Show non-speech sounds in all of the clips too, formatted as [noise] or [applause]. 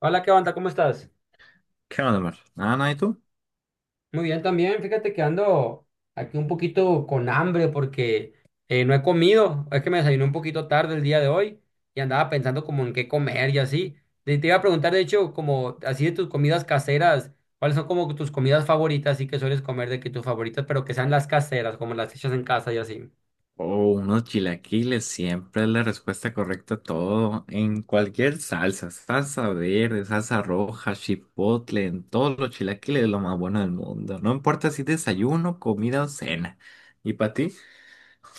Hola, ¿qué onda? ¿Cómo estás? ¿Qué onda, amor? Nada, ¿y tú? Muy bien también. Fíjate que ando aquí un poquito con hambre porque no he comido. Es que me desayuné un poquito tarde el día de hoy y andaba pensando como en qué comer y así. Te iba a preguntar, de hecho, como así de tus comidas caseras, ¿cuáles son como tus comidas favoritas y que sueles comer de que tus favoritas, pero que sean las caseras, como las hechas en casa y así? Oh, unos chilaquiles, siempre es la respuesta correcta a todo, en cualquier salsa, salsa verde, salsa roja, chipotle, en todos los chilaquiles es lo más bueno del mundo. No importa si desayuno, comida o cena. ¿Y para ti?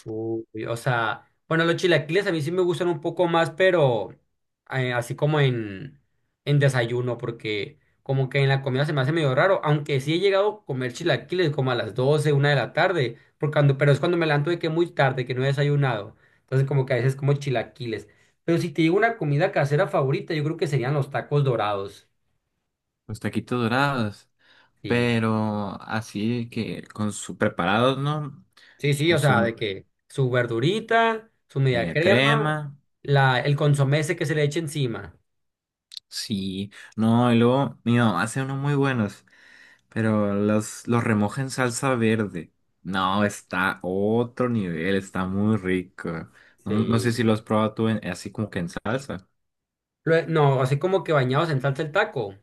Uy, o sea, bueno, los chilaquiles a mí sí me gustan un poco más, pero así como en desayuno, porque como que en la comida se me hace medio raro, aunque sí he llegado a comer chilaquiles como a las 12, 1 de la tarde, porque pero es cuando me levanto de que muy tarde, que no he desayunado, entonces como que a veces como chilaquiles. Pero si te digo una comida casera favorita, yo creo que serían los tacos dorados. Los taquitos dorados, Sí, pero así que con su preparados, ¿no? sí, sí, con o su sea, me- de que su verdurita, su media media crema, crema. el consomé ese que se le echa encima. Sí, no, y luego mi mamá hace unos muy buenos. Pero los remoja en salsa verde. No, está otro nivel, está muy rico. No, no sé si Sí. lo has probado tú así como que en salsa. No, así como que bañados en salsa el taco.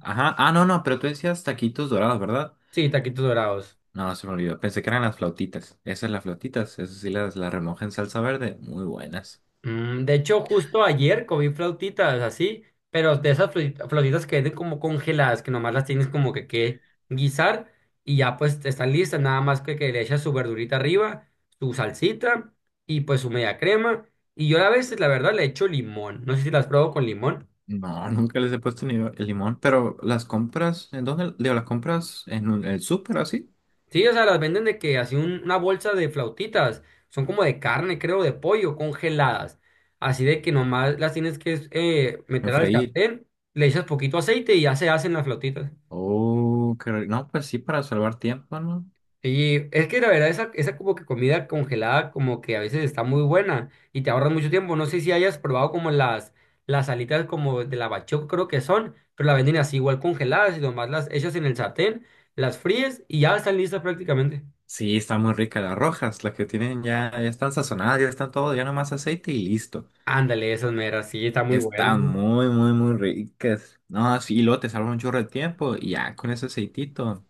Ajá, ah, no, no, pero tú decías taquitos dorados, ¿verdad? Sí, taquitos dorados. No, se me olvidó. Pensé que eran las flautitas. Esas las flautitas, esas sí las remoja en salsa verde. Muy buenas. De hecho, justo ayer comí flautitas así, pero de esas flautitas que venden como congeladas, que nomás las tienes como que, guisar y ya pues están listas, nada más que le echas su verdurita arriba, su salsita y pues su media crema. Y yo a veces, la verdad, le echo limón. No sé si las pruebo con limón. No, [laughs] nunca les he puesto ni el limón, pero las compras, ¿en dónde? Digo, las compras en el súper así, Sí, o sea, las venden de que así una bolsa de flautitas, son como de carne, creo, de pollo, congeladas. Así de que nomás las tienes que en meter al freír. sartén, le echas poquito aceite y ya se hacen las flautitas. Oh, qué rico. No, pues sí, para salvar tiempo, ¿no? Y es que la verdad, esa como que comida congelada como que a veces está muy buena y te ahorras mucho tiempo. No sé si hayas probado como las alitas como de la bachoco, creo que son, pero la venden así igual congeladas y nomás las echas en el sartén, las fríes y ya están listas prácticamente. Sí, está muy rica. Las rojas, las que tienen ya, ya están sazonadas, ya están todo, ya nomás aceite y listo. Ándale, esas meras, sí, está muy buena. Están ¿No? muy, muy, muy ricas. No, sí, lo te salva un chorro de tiempo y ya con ese aceitito,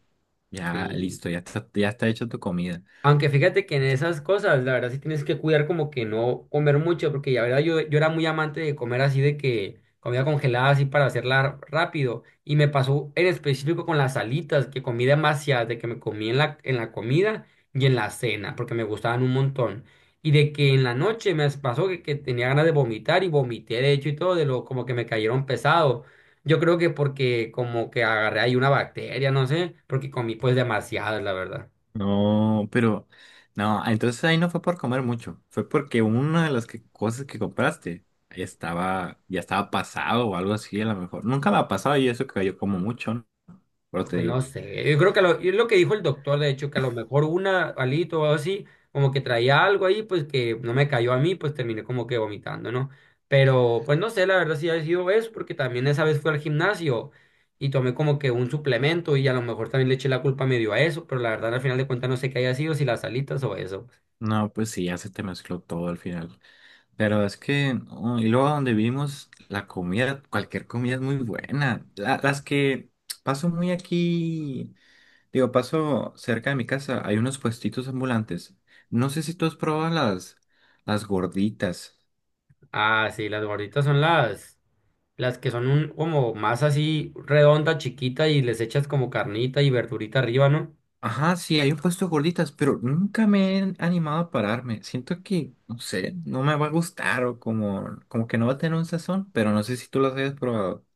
ya Sí. listo, ya está hecha tu comida. Aunque fíjate que en esas cosas, la verdad sí tienes que cuidar como que no comer mucho, porque la verdad yo era muy amante de comer así de que comida congelada así para hacerla rápido. Y me pasó en específico con las alitas, que comí demasiadas, de que me comí en la comida y en la cena, porque me gustaban un montón. Y de que en la noche me pasó que tenía ganas de vomitar y vomité de hecho y todo, de lo como que me cayeron pesado. Yo creo que porque como que agarré ahí una bacteria, no sé, porque comí pues demasiadas, la verdad. No, pero no, entonces ahí no fue por comer mucho, fue porque una cosas que compraste estaba, ya estaba pasado o algo así, a lo mejor. Nunca me ha pasado y eso que yo como mucho, ¿no? Pero te Pues no digo, sé, yo creo que es lo que dijo el doctor, de hecho, que a lo mejor una alito o algo así, como que traía algo ahí, pues que no me cayó a mí, pues terminé como que vomitando, ¿no? Pero pues no sé, la verdad sí ha sido eso, porque también esa vez fui al gimnasio y tomé como que un suplemento y a lo mejor también le eché la culpa medio a eso, pero la verdad al final de cuentas no sé qué haya sido, si las alitas o eso, pues. no, pues sí, ya se te mezcló todo al final. Pero es que, oh, y luego donde vivimos, la comida, cualquier comida es muy buena. Las que paso muy aquí, digo, paso cerca de mi casa, hay unos puestitos ambulantes. No sé si tú has probado las gorditas. Ah, sí, las gorditas son las, que son como más así redonda, chiquita y les echas como carnita y verdurita arriba, ¿no? Ajá, sí, hay un puesto de gorditas, pero nunca me he animado a pararme. Siento que, no sé, no me va a gustar o como, como que no va a tener un sazón, pero no sé si tú las hayas probado.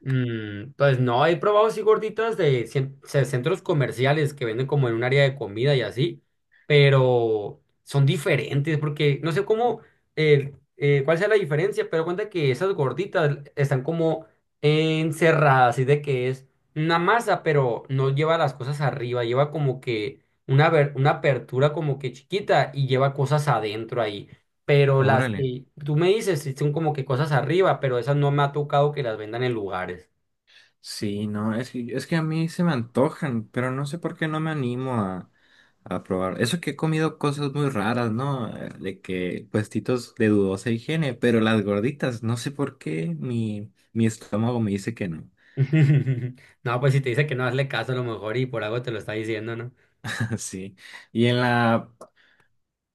Pues no, he probado así gorditas de centros comerciales que venden como en un área de comida y así, pero son diferentes porque no sé cómo, cuál sea la diferencia, pero cuenta que esas gorditas están como encerradas, así de que es una masa, pero no lleva las cosas arriba, lleva como que una apertura como que chiquita y lleva cosas adentro ahí. Pero las Órale. que tú me dices sí son como que cosas arriba, pero esas no me ha tocado que las vendan en lugares. Sí, no, es que a mí se me antojan, pero no sé por qué no me animo a probar. Eso que he comido cosas muy raras, ¿no? De que puestitos de dudosa higiene, pero las gorditas, no sé por qué mi estómago me dice que no. [laughs] No, pues si te dice que no hazle caso a lo mejor y por algo te lo está diciendo, ¿no? [laughs] Sí. Y en la,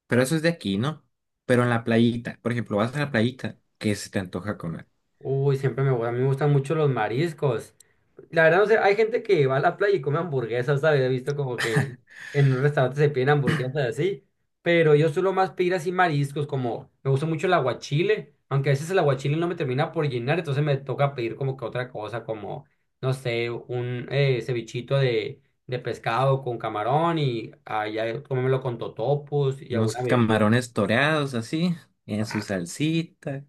pero eso es de aquí, ¿no? Pero en la playita, por ejemplo, vas a la playita, ¿qué se te antoja comer? Uy, siempre a mí me gustan mucho los mariscos. La verdad, no sé, hay gente que va a la playa y come hamburguesas, ¿sabes? He visto como que en un restaurante se piden hamburguesas así, pero yo suelo más pedir así mariscos, como me gusta mucho el aguachile, aunque a veces el aguachile no me termina por llenar, entonces me toca pedir como que otra cosa, como, no sé, un cevichito de, pescado con camarón y allá comérmelo con totopos y Unos alguna bebida. camarones toreados así, en su salsita.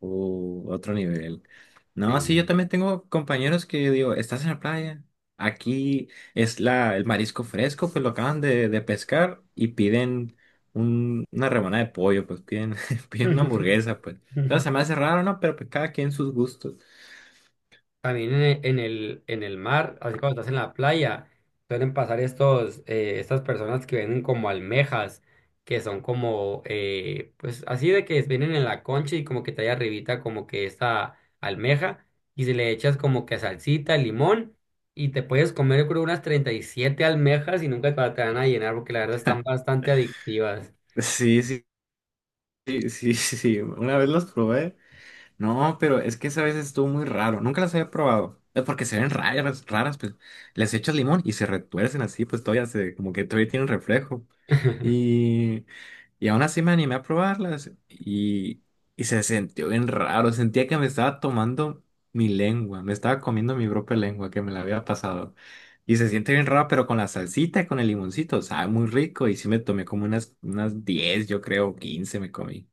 Otro nivel. No, sí, yo Sí. también tengo compañeros que yo digo, estás en la playa, aquí es el marisco fresco, pues lo acaban de pescar y piden una rebanada de pollo, pues piden, [laughs] piden una [laughs] hamburguesa, pues. Entonces se me hace raro, ¿no? Pero pues cada quien sus gustos. [laughs] También en el, en el, en el mar, así cuando estás en la playa, suelen pasar estas personas que vienen como almejas, que son como, pues así de que vienen en la concha y como que trae arribita como que esta almeja y se le echas como que salsita, limón y te puedes comer yo creo unas 37 almejas y nunca te van a llenar porque la verdad están bastante adictivas. Sí, sí, sí, sí, [laughs] sí, una vez los probé. No, pero es que esa vez estuvo muy raro, nunca las había probado. Es porque se ven raras, raras, pues les echas limón y se retuercen así, pues todavía se, como que todavía tienen reflejo. Y, y aún así me animé a probarlas y se sintió bien raro. Sentía que me estaba tomando mi lengua, me estaba comiendo mi propia lengua que me la había pasado. Y se siente bien raro, pero con la salsita y con el limoncito, sabe muy rico. Y sí me tomé como unas 10 yo creo, 15 me comí.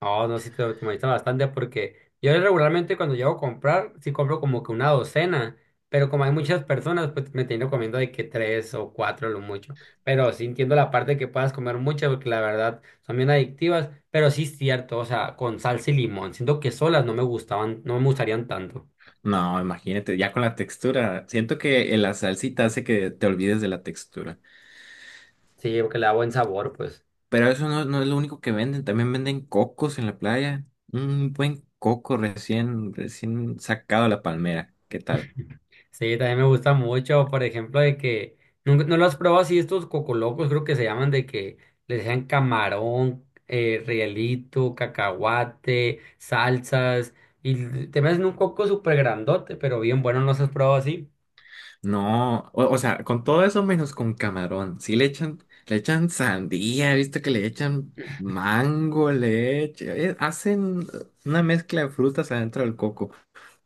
No, no, sí te optimaliza bastante porque yo regularmente cuando llego a comprar, sí compro como que una docena, pero como hay muchas personas, pues me termino comiendo de que tres o cuatro lo mucho. Pero sí entiendo la parte de que puedas comer muchas porque la verdad son bien adictivas, pero sí es cierto, o sea, con salsa y limón, siento que solas no me gustaban, no me gustarían tanto. No, imagínate, ya con la textura. Siento que la salsita hace que te olvides de la textura. Sí, porque le da buen sabor, pues. Pero eso no, no es lo único que venden, también venden cocos en la playa. Un buen coco recién sacado de la palmera. ¿Qué tal? Sí, también me gusta mucho, por ejemplo, de que no, lo has probado así estos cocolocos, creo que se llaman de que les dejan camarón, rielito, cacahuate, salsas, y te meten un coco súper grandote, pero bien bueno, ¿no los has probado así? No, o sea, con todo eso menos con camarón. Sí le echan sandía, viste que le echan mango, le echan, hacen una mezcla de frutas adentro del coco.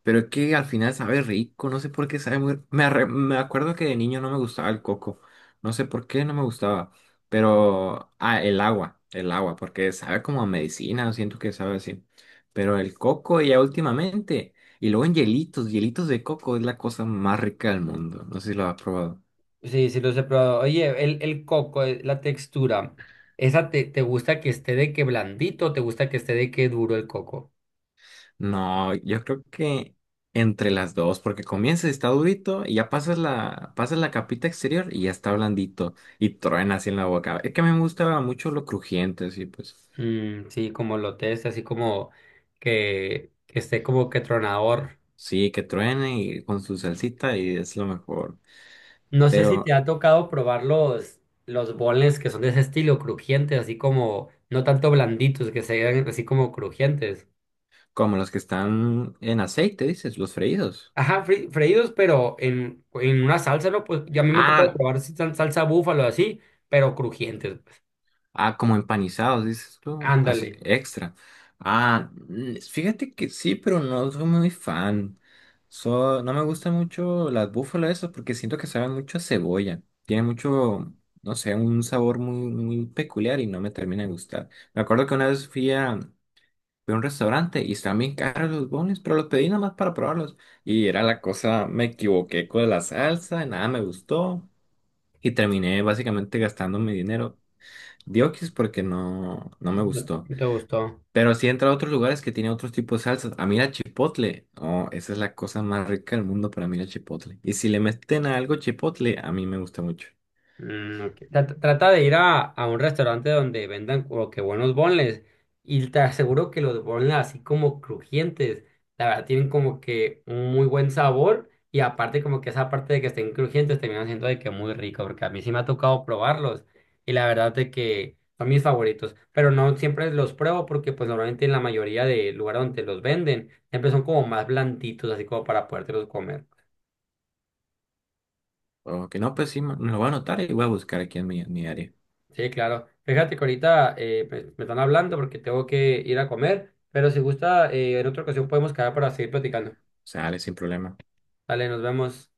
Pero es que al final sabe rico, no sé por qué sabe muy... Me acuerdo que de niño no me gustaba el coco, no sé por qué no me gustaba, pero... Ah, el agua, porque sabe como a medicina, siento que sabe así. Pero el coco ya últimamente, y luego en hielitos, hielitos de coco es la cosa más rica del mundo, no sé si lo has probado. Sí, sí los he probado. Oye, el, coco, la textura, ¿esa te gusta que esté de que blandito o te gusta que esté de que duro el coco? No, yo creo que entre las dos, porque comienza está durito y ya pasas pasas la capita exterior y ya está blandito y truena así en la boca. Es que me gusta mucho lo crujiente, sí, pues Mm, sí, como lo test, así como que esté como que tronador. sí, que truene y con su salsita y es lo mejor. No sé si te Pero ha tocado probar los, boneless que son de ese estilo, crujientes, así como, no tanto blanditos, que sean así como crujientes. como los que están en aceite, dices, los freídos. Ajá, freídos, pero en una salsa, ¿no? Pues ya a mí me tocó Ah, probar si sal- salsa búfalo así, pero crujientes, pues. Ah, como empanizados, dices tú, así, Ándale. extra. Ah, mm, fíjate que sí, pero no soy muy fan. So, no me gustan mucho las búfalas esas porque siento que saben mucho a cebolla. Tiene mucho, no sé, un sabor muy, muy peculiar y no me termina de gustar. Me acuerdo que una vez fui a un restaurante y estaban bien caros los bones, pero los pedí nada más para probarlos. Y era la cosa, me equivoqué con la salsa, nada me gustó y terminé básicamente gastando mi dinero. Diokis porque no, no me ¿No gustó. ¿Te gustó? Pero sí entra a otros lugares que tiene otros tipos de salsas. A mí la chipotle. Oh, esa es la cosa más rica del mundo para mí la chipotle. Y si le meten a algo chipotle, a mí me gusta mucho. Mm, ok. Trata de ir a, un restaurante donde vendan como que buenos boneless y te aseguro que los boneless así como crujientes, la verdad tienen como que un muy buen sabor y aparte como que esa parte de que estén crujientes terminan siendo de que muy rico porque a mí sí me ha tocado probarlos y la verdad de que son mis favoritos, pero no siempre los pruebo porque pues normalmente en la mayoría de lugares donde los venden siempre son como más blanditos así como para podértelos comer. O que no, pues sí, me lo voy a anotar y voy a buscar aquí en en mi área. Sí, claro. Fíjate que ahorita me están hablando porque tengo que ir a comer, pero si gusta, en otra ocasión podemos quedar para seguir platicando. Sale sin problema. Dale, nos vemos.